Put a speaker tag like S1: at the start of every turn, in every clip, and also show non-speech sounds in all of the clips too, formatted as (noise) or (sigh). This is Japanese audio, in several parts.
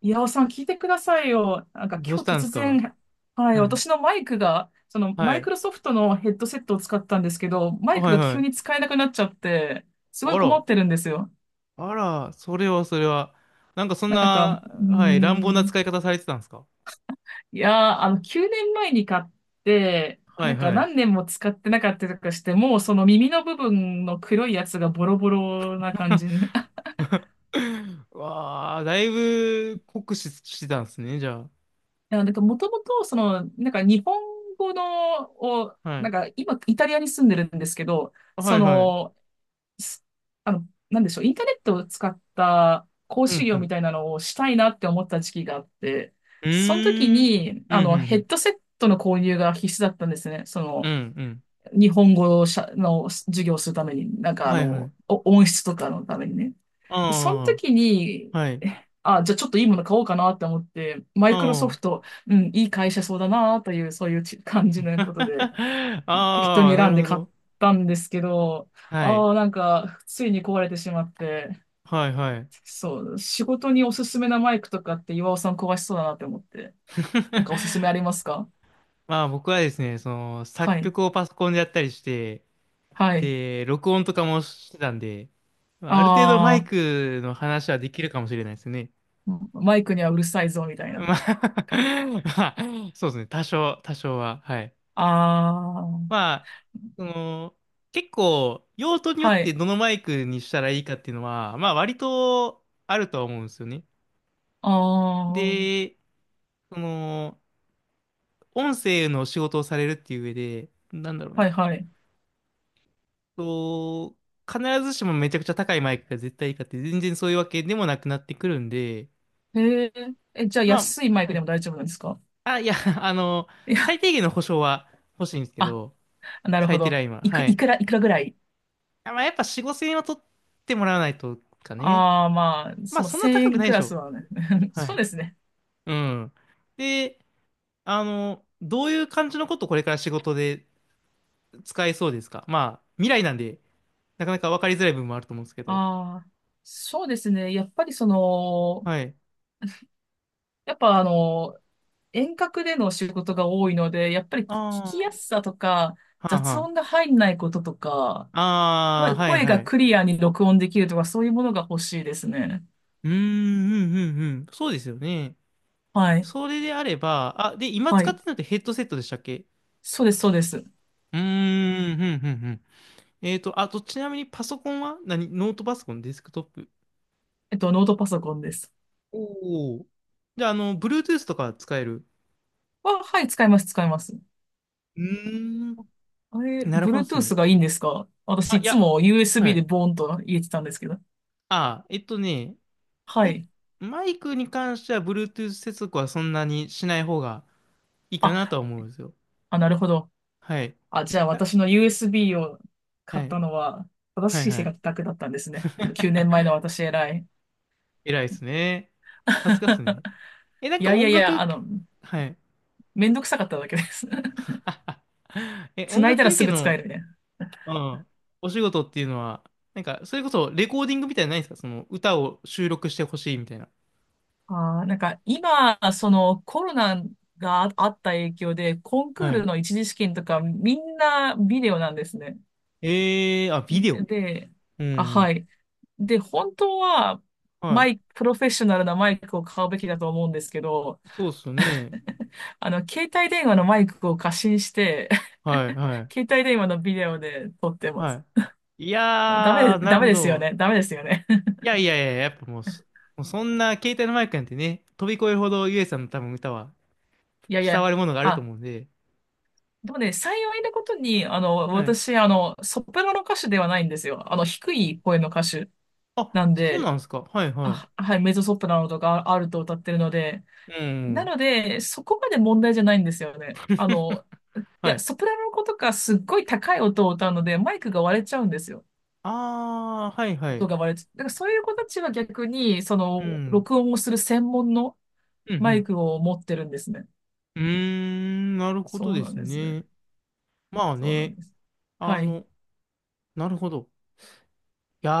S1: 岩尾さん、聞いてくださいよ。なんか
S2: どうし
S1: 今日
S2: たんで
S1: 突
S2: すか？
S1: 然、はい、
S2: はい。
S1: 私のマイクが、その
S2: は
S1: マイク
S2: い。
S1: ロソフトのヘッドセットを使ったんですけど、マイク
S2: はい
S1: が
S2: は
S1: 急に
S2: い。
S1: 使えなくなっちゃって、すごい
S2: あ
S1: 困
S2: ら。
S1: ってるんですよ。
S2: あら、それはそれは。なんかそん
S1: なんか、うー
S2: な、はい、乱暴な
S1: ん、
S2: 使い方されてたんですか？
S1: いやー、9年前に買って、
S2: は
S1: な
S2: い
S1: んか
S2: はい。
S1: 何年も使ってなかったりとかして、もうその耳の部分の黒いやつがボロボロな感じ。(laughs) い
S2: (laughs) わあ、だいぶ酷使してたんですね、じゃ
S1: や、なんかもともと、その、なんか日本語の、を、
S2: あ。は
S1: な
S2: い。
S1: んか今、イタリアに住んでるんですけど、
S2: は
S1: そ
S2: いはい。
S1: の、すなんでしょう、インターネットを使った講
S2: う
S1: 師
S2: んう
S1: 業み
S2: ん。
S1: たいなのをしたいなって思った時期があって、
S2: う
S1: その時
S2: ーん。
S1: に、
S2: うんうんう
S1: ヘッ
S2: ん。
S1: ドセットの購入が必須だったんですね。そ
S2: うん
S1: の、
S2: うん。
S1: 日本語をしゃの授業をするために、なんか
S2: はいはい。
S1: お音質とかのためにね。でその
S2: あ
S1: 時に、
S2: あ、はい。
S1: あ、じゃあちょっといいもの買おうかなって思って、マイクロソ
S2: あ
S1: フ
S2: あ。
S1: ト、うん、いい会社そうだなという、そういう感じのことで、
S2: (laughs) あ
S1: 適当
S2: あ、
S1: に
S2: な
S1: 選ん
S2: る
S1: で
S2: ほ
S1: 買っ
S2: ど。
S1: たんですけど、
S2: はい。
S1: ああ、なんか、ついに壊れてしまって、
S2: はいはい。
S1: そう、仕事におすすめなマイクとかって岩尾さん壊しそうだなって思って、なんかおすすめ
S2: (laughs)
S1: ありますか？
S2: まあ僕はですね、その作
S1: はい、
S2: 曲をパソコンでやったりして、
S1: はい。
S2: で、録音とかもしてたんで、まあ、ある程度マイ
S1: ああ、
S2: クの話はできるかもしれないですね。
S1: マイクにはうるさいぞ、みたいな。
S2: まあ (laughs)、まあ、そうですね、多少は。はい。
S1: ああ、
S2: まあ、その、結構用途によっ
S1: は
S2: て
S1: い、
S2: どのマイクにしたらいいかっていうのは、まあ割とあるとは思うんですよね。
S1: ああ、は
S2: で、その、音声の仕事をされるっていう上で、なんだろうな。
S1: い、はい。
S2: と、必ずしもめちゃくちゃ高いマイクが絶対いいかって全然そういうわけでもなくなってくるんで、
S1: へえ、え、じゃあ
S2: ま
S1: 安い
S2: あ、
S1: マイ
S2: は
S1: クで
S2: い。
S1: も大丈夫なんですか？
S2: あ、いや、(laughs) あの、
S1: い
S2: 最
S1: や、
S2: 低限の保証は欲しいんですけ
S1: あ、
S2: ど、
S1: なるほ
S2: 最低ラ
S1: ど。
S2: インは。はい。
S1: いくらぐらい？
S2: あ、まあ、やっぱ4、5千円は取ってもらわないとかね。
S1: ああ、まあ、
S2: ま
S1: そ
S2: あ、
S1: の
S2: そん
S1: 1
S2: な高く
S1: 円
S2: ない
S1: ク
S2: でし
S1: ラス
S2: ょ。
S1: はね。(laughs)
S2: は
S1: そう
S2: い。
S1: ですね。
S2: うん。で、あの、どういう感じのことこれから仕事で使えそうですか？まあ、未来なんで、なかなか分かりづらい部分もあると思うんですけど。
S1: ああ、そうですね。やっぱりその、
S2: はい。
S1: やっぱ遠隔での仕事が多いので、やっぱり聞き
S2: あ
S1: やすさとか、
S2: あ、はあ
S1: 雑
S2: は
S1: 音が入んないこととか、
S2: あ。あ
S1: 声、
S2: あ、はい
S1: 声
S2: は
S1: が
S2: い。
S1: クリアに録音できるとか、そういうものが欲しいですね。
S2: うーん、うん、うん、うん。そうですよね。
S1: はい。
S2: それであれば、あ、で、今
S1: は
S2: 使っ
S1: い。
S2: てるのってヘッドセットでしたっけ？
S1: そうです、そうです。
S2: うーん、うん、うん、うん。えっと、あと、ちなみにパソコンは何？ノートパソコン、デスクトップ？
S1: ノートパソコンです。
S2: おお。じゃあ、あの、Bluetooth とか使える？
S1: あ、はい、使います、使います。
S2: うーん、
S1: あれ、
S2: なるほどです
S1: Bluetooth
S2: ね。
S1: がいいんですか？私、
S2: あ、
S1: い
S2: い
S1: つ
S2: や、
S1: も
S2: は
S1: USB で
S2: い。
S1: ボーンと入れてたんですけど。
S2: あ、
S1: は
S2: お、
S1: い。
S2: マイクに関しては Bluetooth 接続はそんなにしない方がいいかなとは
S1: あ、
S2: 思うんですよ。
S1: あ、なるほど。
S2: はい。
S1: あ、じゃあ
S2: あ
S1: 私の USB を
S2: は
S1: 買っ
S2: い、
S1: たのは正
S2: はい、
S1: しい
S2: は
S1: 生
S2: い。
S1: 活だけだったんですね。その
S2: (laughs)
S1: 9年前の私偉い。
S2: 偉いですね。さすがっすね。
S1: (laughs)
S2: え、なん
S1: い
S2: か
S1: やいや
S2: 音
S1: いや、
S2: 楽、はい。
S1: めんどくさかっただけです。(laughs)
S2: (laughs) え、音
S1: 繋い
S2: 楽
S1: だら
S2: 関
S1: す
S2: 係
S1: ぐ使え
S2: の、
S1: るね。
S2: うん、お仕事っていうのは、なんか、それこそレコーディングみたいなのないですか？その歌を収録してほしいみたいな。
S1: あー、なんか今、そのコロナがああった影響で、コンクー
S2: は
S1: ル
S2: い。
S1: の一次試験とかみんなビデオなんですね。
S2: えー、あ、ビデオ。
S1: で、
S2: う
S1: あ、は
S2: ん。
S1: い。で、本当は
S2: は
S1: マイク、プロフェッショナルなマイクを買うべきだと思うんですけど、
S2: い。そうっすよね。
S1: 携帯電話のマイクを過信して、
S2: はい、
S1: (laughs)
S2: はい、
S1: 携帯電話のビデオで撮ってます。
S2: はい。い
S1: ダ
S2: や
S1: メ、
S2: ー、な
S1: ダ
S2: る
S1: メ
S2: ほ
S1: ですよ
S2: ど。
S1: ね。ダメですよね。(laughs)
S2: いやいやいや、やっぱもうそんな携帯のマイクなんてね、飛び越えるほどゆえさんの多分歌は
S1: いやい
S2: 伝
S1: や、
S2: わるものがあると
S1: あ、
S2: 思うんで、
S1: でもね、幸いなことに、
S2: はい。
S1: 私、ソプラノ歌手ではないんですよ。低い声の歌手
S2: あ、
S1: なん
S2: そう
S1: で、
S2: なんですか。はいはい。
S1: あ、はい、メゾソプラノとかアルトを歌ってるので、
S2: う
S1: な
S2: ん。
S1: ので、そこまで問題じゃないんですよね。
S2: (laughs)
S1: い
S2: は
S1: や、
S2: い。
S1: ソプラノの子とかすっごい高い音を歌うので、マイクが割れちゃうんですよ。
S2: ああ、はいは
S1: 音
S2: い。
S1: が割れて、だからそういう子たちは逆に、そ
S2: う
S1: の、
S2: ん。
S1: 録音をする専門の
S2: うん、う
S1: マイ
S2: ん。
S1: クを持ってるんですね。
S2: うーん、なるほど
S1: そう
S2: で
S1: なん
S2: す
S1: ですね。
S2: ね。まあ
S1: そうなん
S2: ね、
S1: です。
S2: あ
S1: はい。
S2: の、なるほど。いや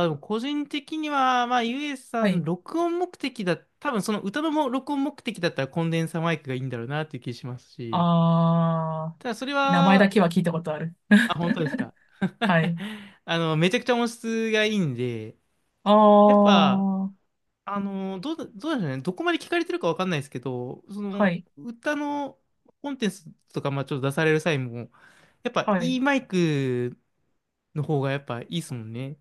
S2: ー、でも個人的には、まあ、ゆえさ
S1: は
S2: ん、
S1: い。
S2: 録音目的だ、多分その歌のも録音目的だったらコンデンサーマイクがいいんだろうなっていう気しますし、
S1: あ
S2: ただそれ
S1: ー、名前だ
S2: は、
S1: けは聞いたことある。
S2: あ、本当ですか。(laughs)
S1: はい。
S2: あの、めちゃくちゃ音質がいいんで、
S1: あ
S2: やっぱ、
S1: ー、
S2: あの、どうでしょうね。どこまで聞かれてるかわかんないですけど、そ
S1: は
S2: の、
S1: い。
S2: 歌のコンテンツとか、まあちょっと出される際も、やっぱ
S1: は
S2: い
S1: い。
S2: いマイクの方がやっぱいいですもんね。い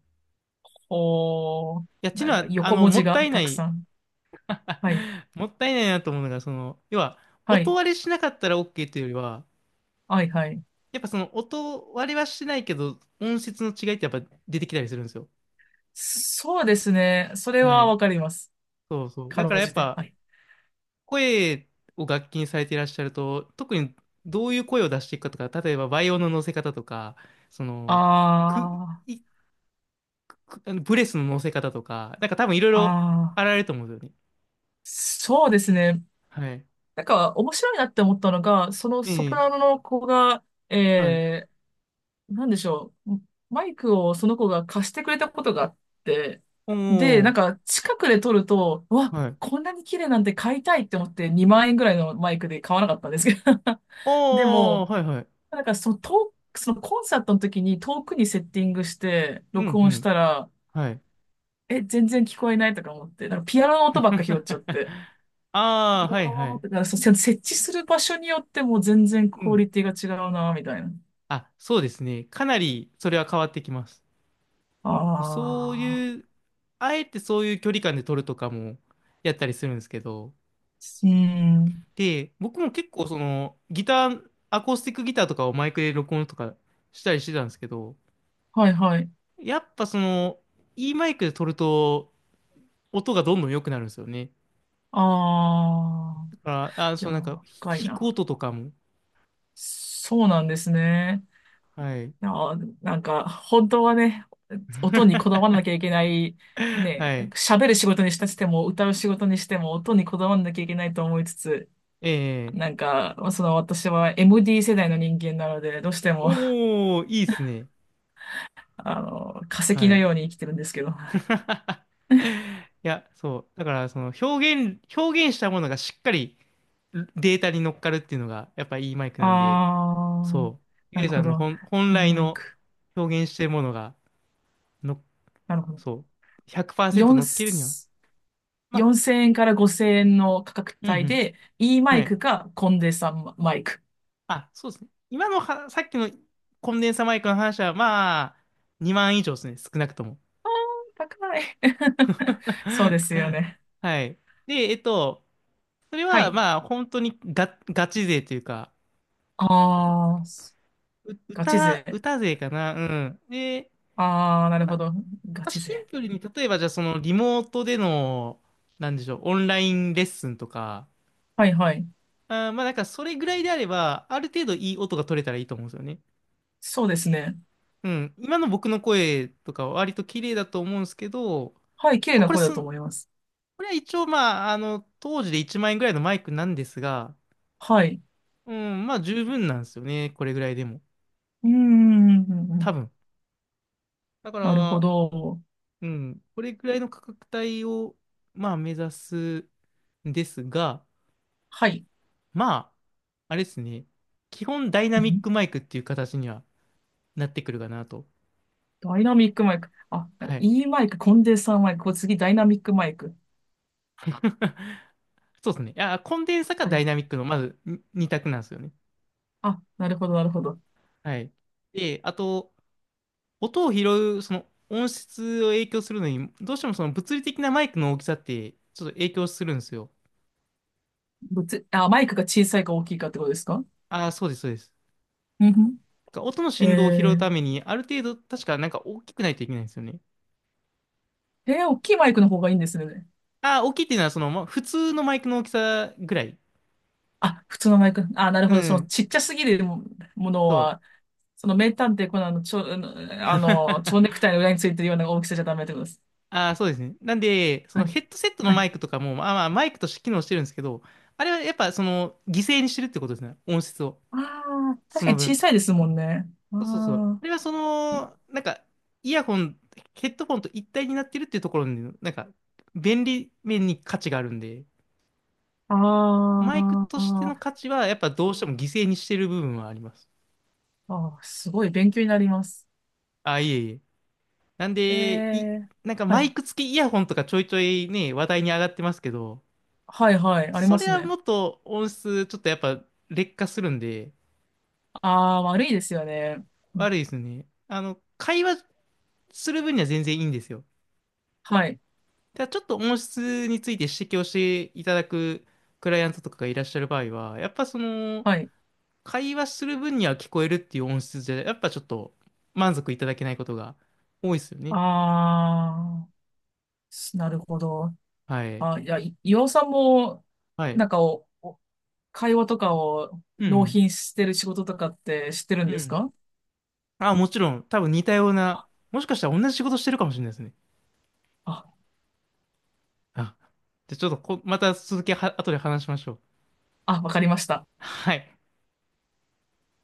S1: おー、
S2: や、ち
S1: な
S2: の
S1: んか
S2: は、あ
S1: 横
S2: の、
S1: 文
S2: も
S1: 字
S2: った
S1: が
S2: いな
S1: たく
S2: い、
S1: さん。はい。
S2: (laughs) もったいないなと思うのが、その、要は、
S1: は
S2: 音
S1: い。
S2: 割れしなかったら OK というよりは、
S1: はい、はい。
S2: やっぱその音割れはしてないけど、音質の違いってやっぱ出てきたりするんですよ。
S1: そうですね。それ
S2: は
S1: は
S2: い。
S1: わかります。
S2: そうそう。
S1: か
S2: だ
S1: ろ
S2: から
S1: う
S2: やっ
S1: じて。
S2: ぱ、
S1: はい。
S2: 声を楽器にされていらっしゃると、特にどういう声を出していくかとか、例えばバイオの乗せ方とか、そ
S1: あ
S2: の、く、
S1: ー、
S2: い、く、あのブレスの乗せ方とか、なんか多分いろいろ
S1: あ
S2: あ
S1: ー、
S2: られると思うんですよね。
S1: そうですね。
S2: はい。
S1: なんか面白いなって思ったのが、その
S2: え
S1: ソプ
S2: え、
S1: ラノの子が、
S2: はい。
S1: えなんでしょう、マイクをその子が貸してくれたことがあって、
S2: お
S1: で、なん
S2: ー、
S1: か近くで撮ると、うわ、
S2: はい。
S1: こんなに綺麗なんて買いたいって思って2万円ぐらいのマイクで買わなかったんですけど。(laughs) で
S2: お
S1: も、
S2: ー、はいはい。
S1: なんかその遠く、そのコンサートの時に遠くにセッティングして
S2: う
S1: 録
S2: ん、う
S1: 音し
S2: ん。
S1: たら、
S2: はい。
S1: え、全然聞こえないとか思って、なんかピアノの音ばっか拾っちゃっ
S2: (laughs)
S1: て。
S2: ああ、は
S1: あ
S2: いはい。
S1: ーだからそう、設置する場所によっても全然
S2: う
S1: クオ
S2: ん。
S1: リティが違うな、みたいな。
S2: あ、そうですね。かなりそれは変わってきます。
S1: あ
S2: そう
S1: あ、
S2: いう、あえてそういう距離感で撮るとかもやったりするんですけど、
S1: うん。
S2: で、僕も結構そのギター、アコースティックギターとかをマイクで録音とかしたりしてたんですけど、
S1: はいはい。
S2: やっぱその、いいマイクで撮ると音がどんどん良くなるんですよね。
S1: ああ、
S2: だから、あ、
S1: い
S2: そ
S1: や
S2: のなんか
S1: ー、深い
S2: 弾く
S1: な。
S2: 音とかも。
S1: そうなんですね。
S2: はい。
S1: いやー、なんか、本当はね、音にこだ
S2: (laughs)
S1: わらなきゃいけない、ね、
S2: はい。
S1: 喋る仕事にしたとしても、歌う仕事にしても、音にこだわらなきゃいけないと思いつつ、
S2: ええ
S1: なんか、その私は MD 世代の人間なので、どうしても、
S2: おー、いいっすね。
S1: 化石
S2: は
S1: の
S2: い。
S1: ように生きてるんですけど。
S2: (laughs) いや、そう。だから、その表現したものがしっかりデータに乗っかるっていうのが、やっぱいいマイクなんで、
S1: ああ、
S2: そう、
S1: な
S2: ゆ
S1: る
S2: えさ
S1: ほ
S2: んの
S1: ど。
S2: 本
S1: いい
S2: 来
S1: マイ
S2: の
S1: ク。
S2: 表現してるものが、の、
S1: なるほど。
S2: そう、100%
S1: 4、
S2: 乗っけるには、まあ、
S1: 4000円から5000円の価格
S2: うん
S1: 帯
S2: うん、
S1: で、いいマ
S2: は
S1: イ
S2: い。
S1: クかコンデンサーマイク。
S2: あ、そうですね。今のは、さっきのコンデンサマイクの話は、まあ、2万以上ですね、少なくとも。
S1: あー高い。(laughs) そうですよ
S2: (laughs)
S1: ね。
S2: はい。で、それ
S1: は
S2: は、
S1: い。
S2: まあ、本当にガチ勢というか、こ
S1: ああ、ガチ勢。
S2: 歌勢かな、うん。で、
S1: ああ、なるほ
S2: ま
S1: ど。ガ
S2: あ、
S1: チ
S2: シン
S1: 勢。
S2: プルに、例えばじゃあそのリモートでの、なんでしょう、オンラインレッスンとか、
S1: はいはい。
S2: まあなんかそれぐらいであれば、ある程度いい音が取れたらいいと思うんですよね。
S1: そうですね。
S2: うん。今の僕の声とかは割と綺麗だと思うんですけど、
S1: はい、綺麗
S2: まあ、
S1: な声だと
S2: こ
S1: 思います。
S2: れは一応まあ、あの、当時で1万円ぐらいのマイクなんですが、
S1: はい。
S2: うん、まあ十分なんですよね。これぐらいでも。
S1: うー
S2: 多
S1: ん。
S2: 分。だか
S1: なるほ
S2: ら、
S1: ど。
S2: うん、これぐらいの価格帯を、まあ目指すんですが、
S1: はい。
S2: まあ、あれですね。基本ダイナミックマイクっていう形にはなってくるかなと。
S1: ダイナミックマイク。あ、
S2: はい。
S1: E マイク、コンデンサーマイク。これ次、ダイナミックマイク。
S2: (laughs) そうですね。いや、コンデンサか
S1: は
S2: ダ
S1: い。
S2: イナミックの、まずに二択なんですよね。
S1: あ、なるほど、なるほど。
S2: はい。で、あと、音を拾う、その音質を影響するのに、どうしてもその物理的なマイクの大きさって、ちょっと影響するんですよ。
S1: どっち、あ、マイクが小さいか大きいかってことですか？
S2: ああ、そうです、そうです。
S1: うんふん。
S2: だから音の
S1: え
S2: 振動を拾う
S1: ー、
S2: ために、ある程度、確かなんか大きくないといけないんですよね。
S1: えー大きいマイクの方がいいんですね。
S2: ああ、大きいっていうのは、その、普通のマイクの大きさぐらい。
S1: あ、普通のマイク。あ、なる
S2: う
S1: ほど。その
S2: ん。
S1: ちっちゃすぎるももの
S2: そう。
S1: は、その名探偵コナンのちょ、あの、あの蝶ネ
S2: (laughs)
S1: クタイの裏についてるような大きさじゃダメってことです。
S2: ああ、そうですね。なんで、そ
S1: は
S2: の
S1: い。
S2: ヘッドセットの
S1: はい。
S2: マイクとかも、まあまあ、マイクとして機能してるんですけど、あれはやっぱその、犠牲にしてるってことですね。音質を。
S1: ああ、
S2: そ
S1: 確か
S2: の
S1: に小
S2: 分。
S1: さいですもんね。
S2: そうそうそう。
S1: あ
S2: あれはその、なんか、イヤホン、ヘッドフォンと一体になってるっていうところに、なんか、便利面に価値があるんで、
S1: あ、
S2: マイク
S1: あ
S2: としての価
S1: ー
S2: 値は、やっぱどうしても犠牲にしてる部分はあります。
S1: あー、すごい勉強になります。
S2: あ、いえいえ。なん
S1: え
S2: で、
S1: え
S2: なんか
S1: は
S2: マ
S1: い。
S2: イク付きイヤホンとかちょいちょいね、話題に上がってますけど、
S1: はいはい。あり
S2: そ
S1: ま
S2: れ
S1: す
S2: は
S1: ね。
S2: もっと音質、ちょっとやっぱ劣化するんで、
S1: ああ、悪いですよね。う
S2: 悪
S1: ん
S2: いですね。あの、会話する分には全然いいんですよ。
S1: はい。
S2: ただちょっと音質について指摘をしていただくクライアントとかがいらっしゃる場合は、やっぱその、
S1: はい。
S2: 会話する分には聞こえるっていう音質じゃ、やっぱちょっと満足いただけないことが多いですよね。
S1: ああ、なるほど。
S2: はい。
S1: あ、いや、岩尾さんも、
S2: はい。
S1: なんか会話とかを
S2: う
S1: 納
S2: ん。
S1: 品してる仕事とかって知ってるん
S2: う
S1: です
S2: ん。
S1: か？
S2: あ、もちろん、多分似たような、
S1: あ、
S2: もしかしたら同じ仕事してるかもしれないですね。
S1: あ、
S2: あ、じゃあちょっとまた続きは、後で話しましょう。
S1: わかりました。
S2: はい。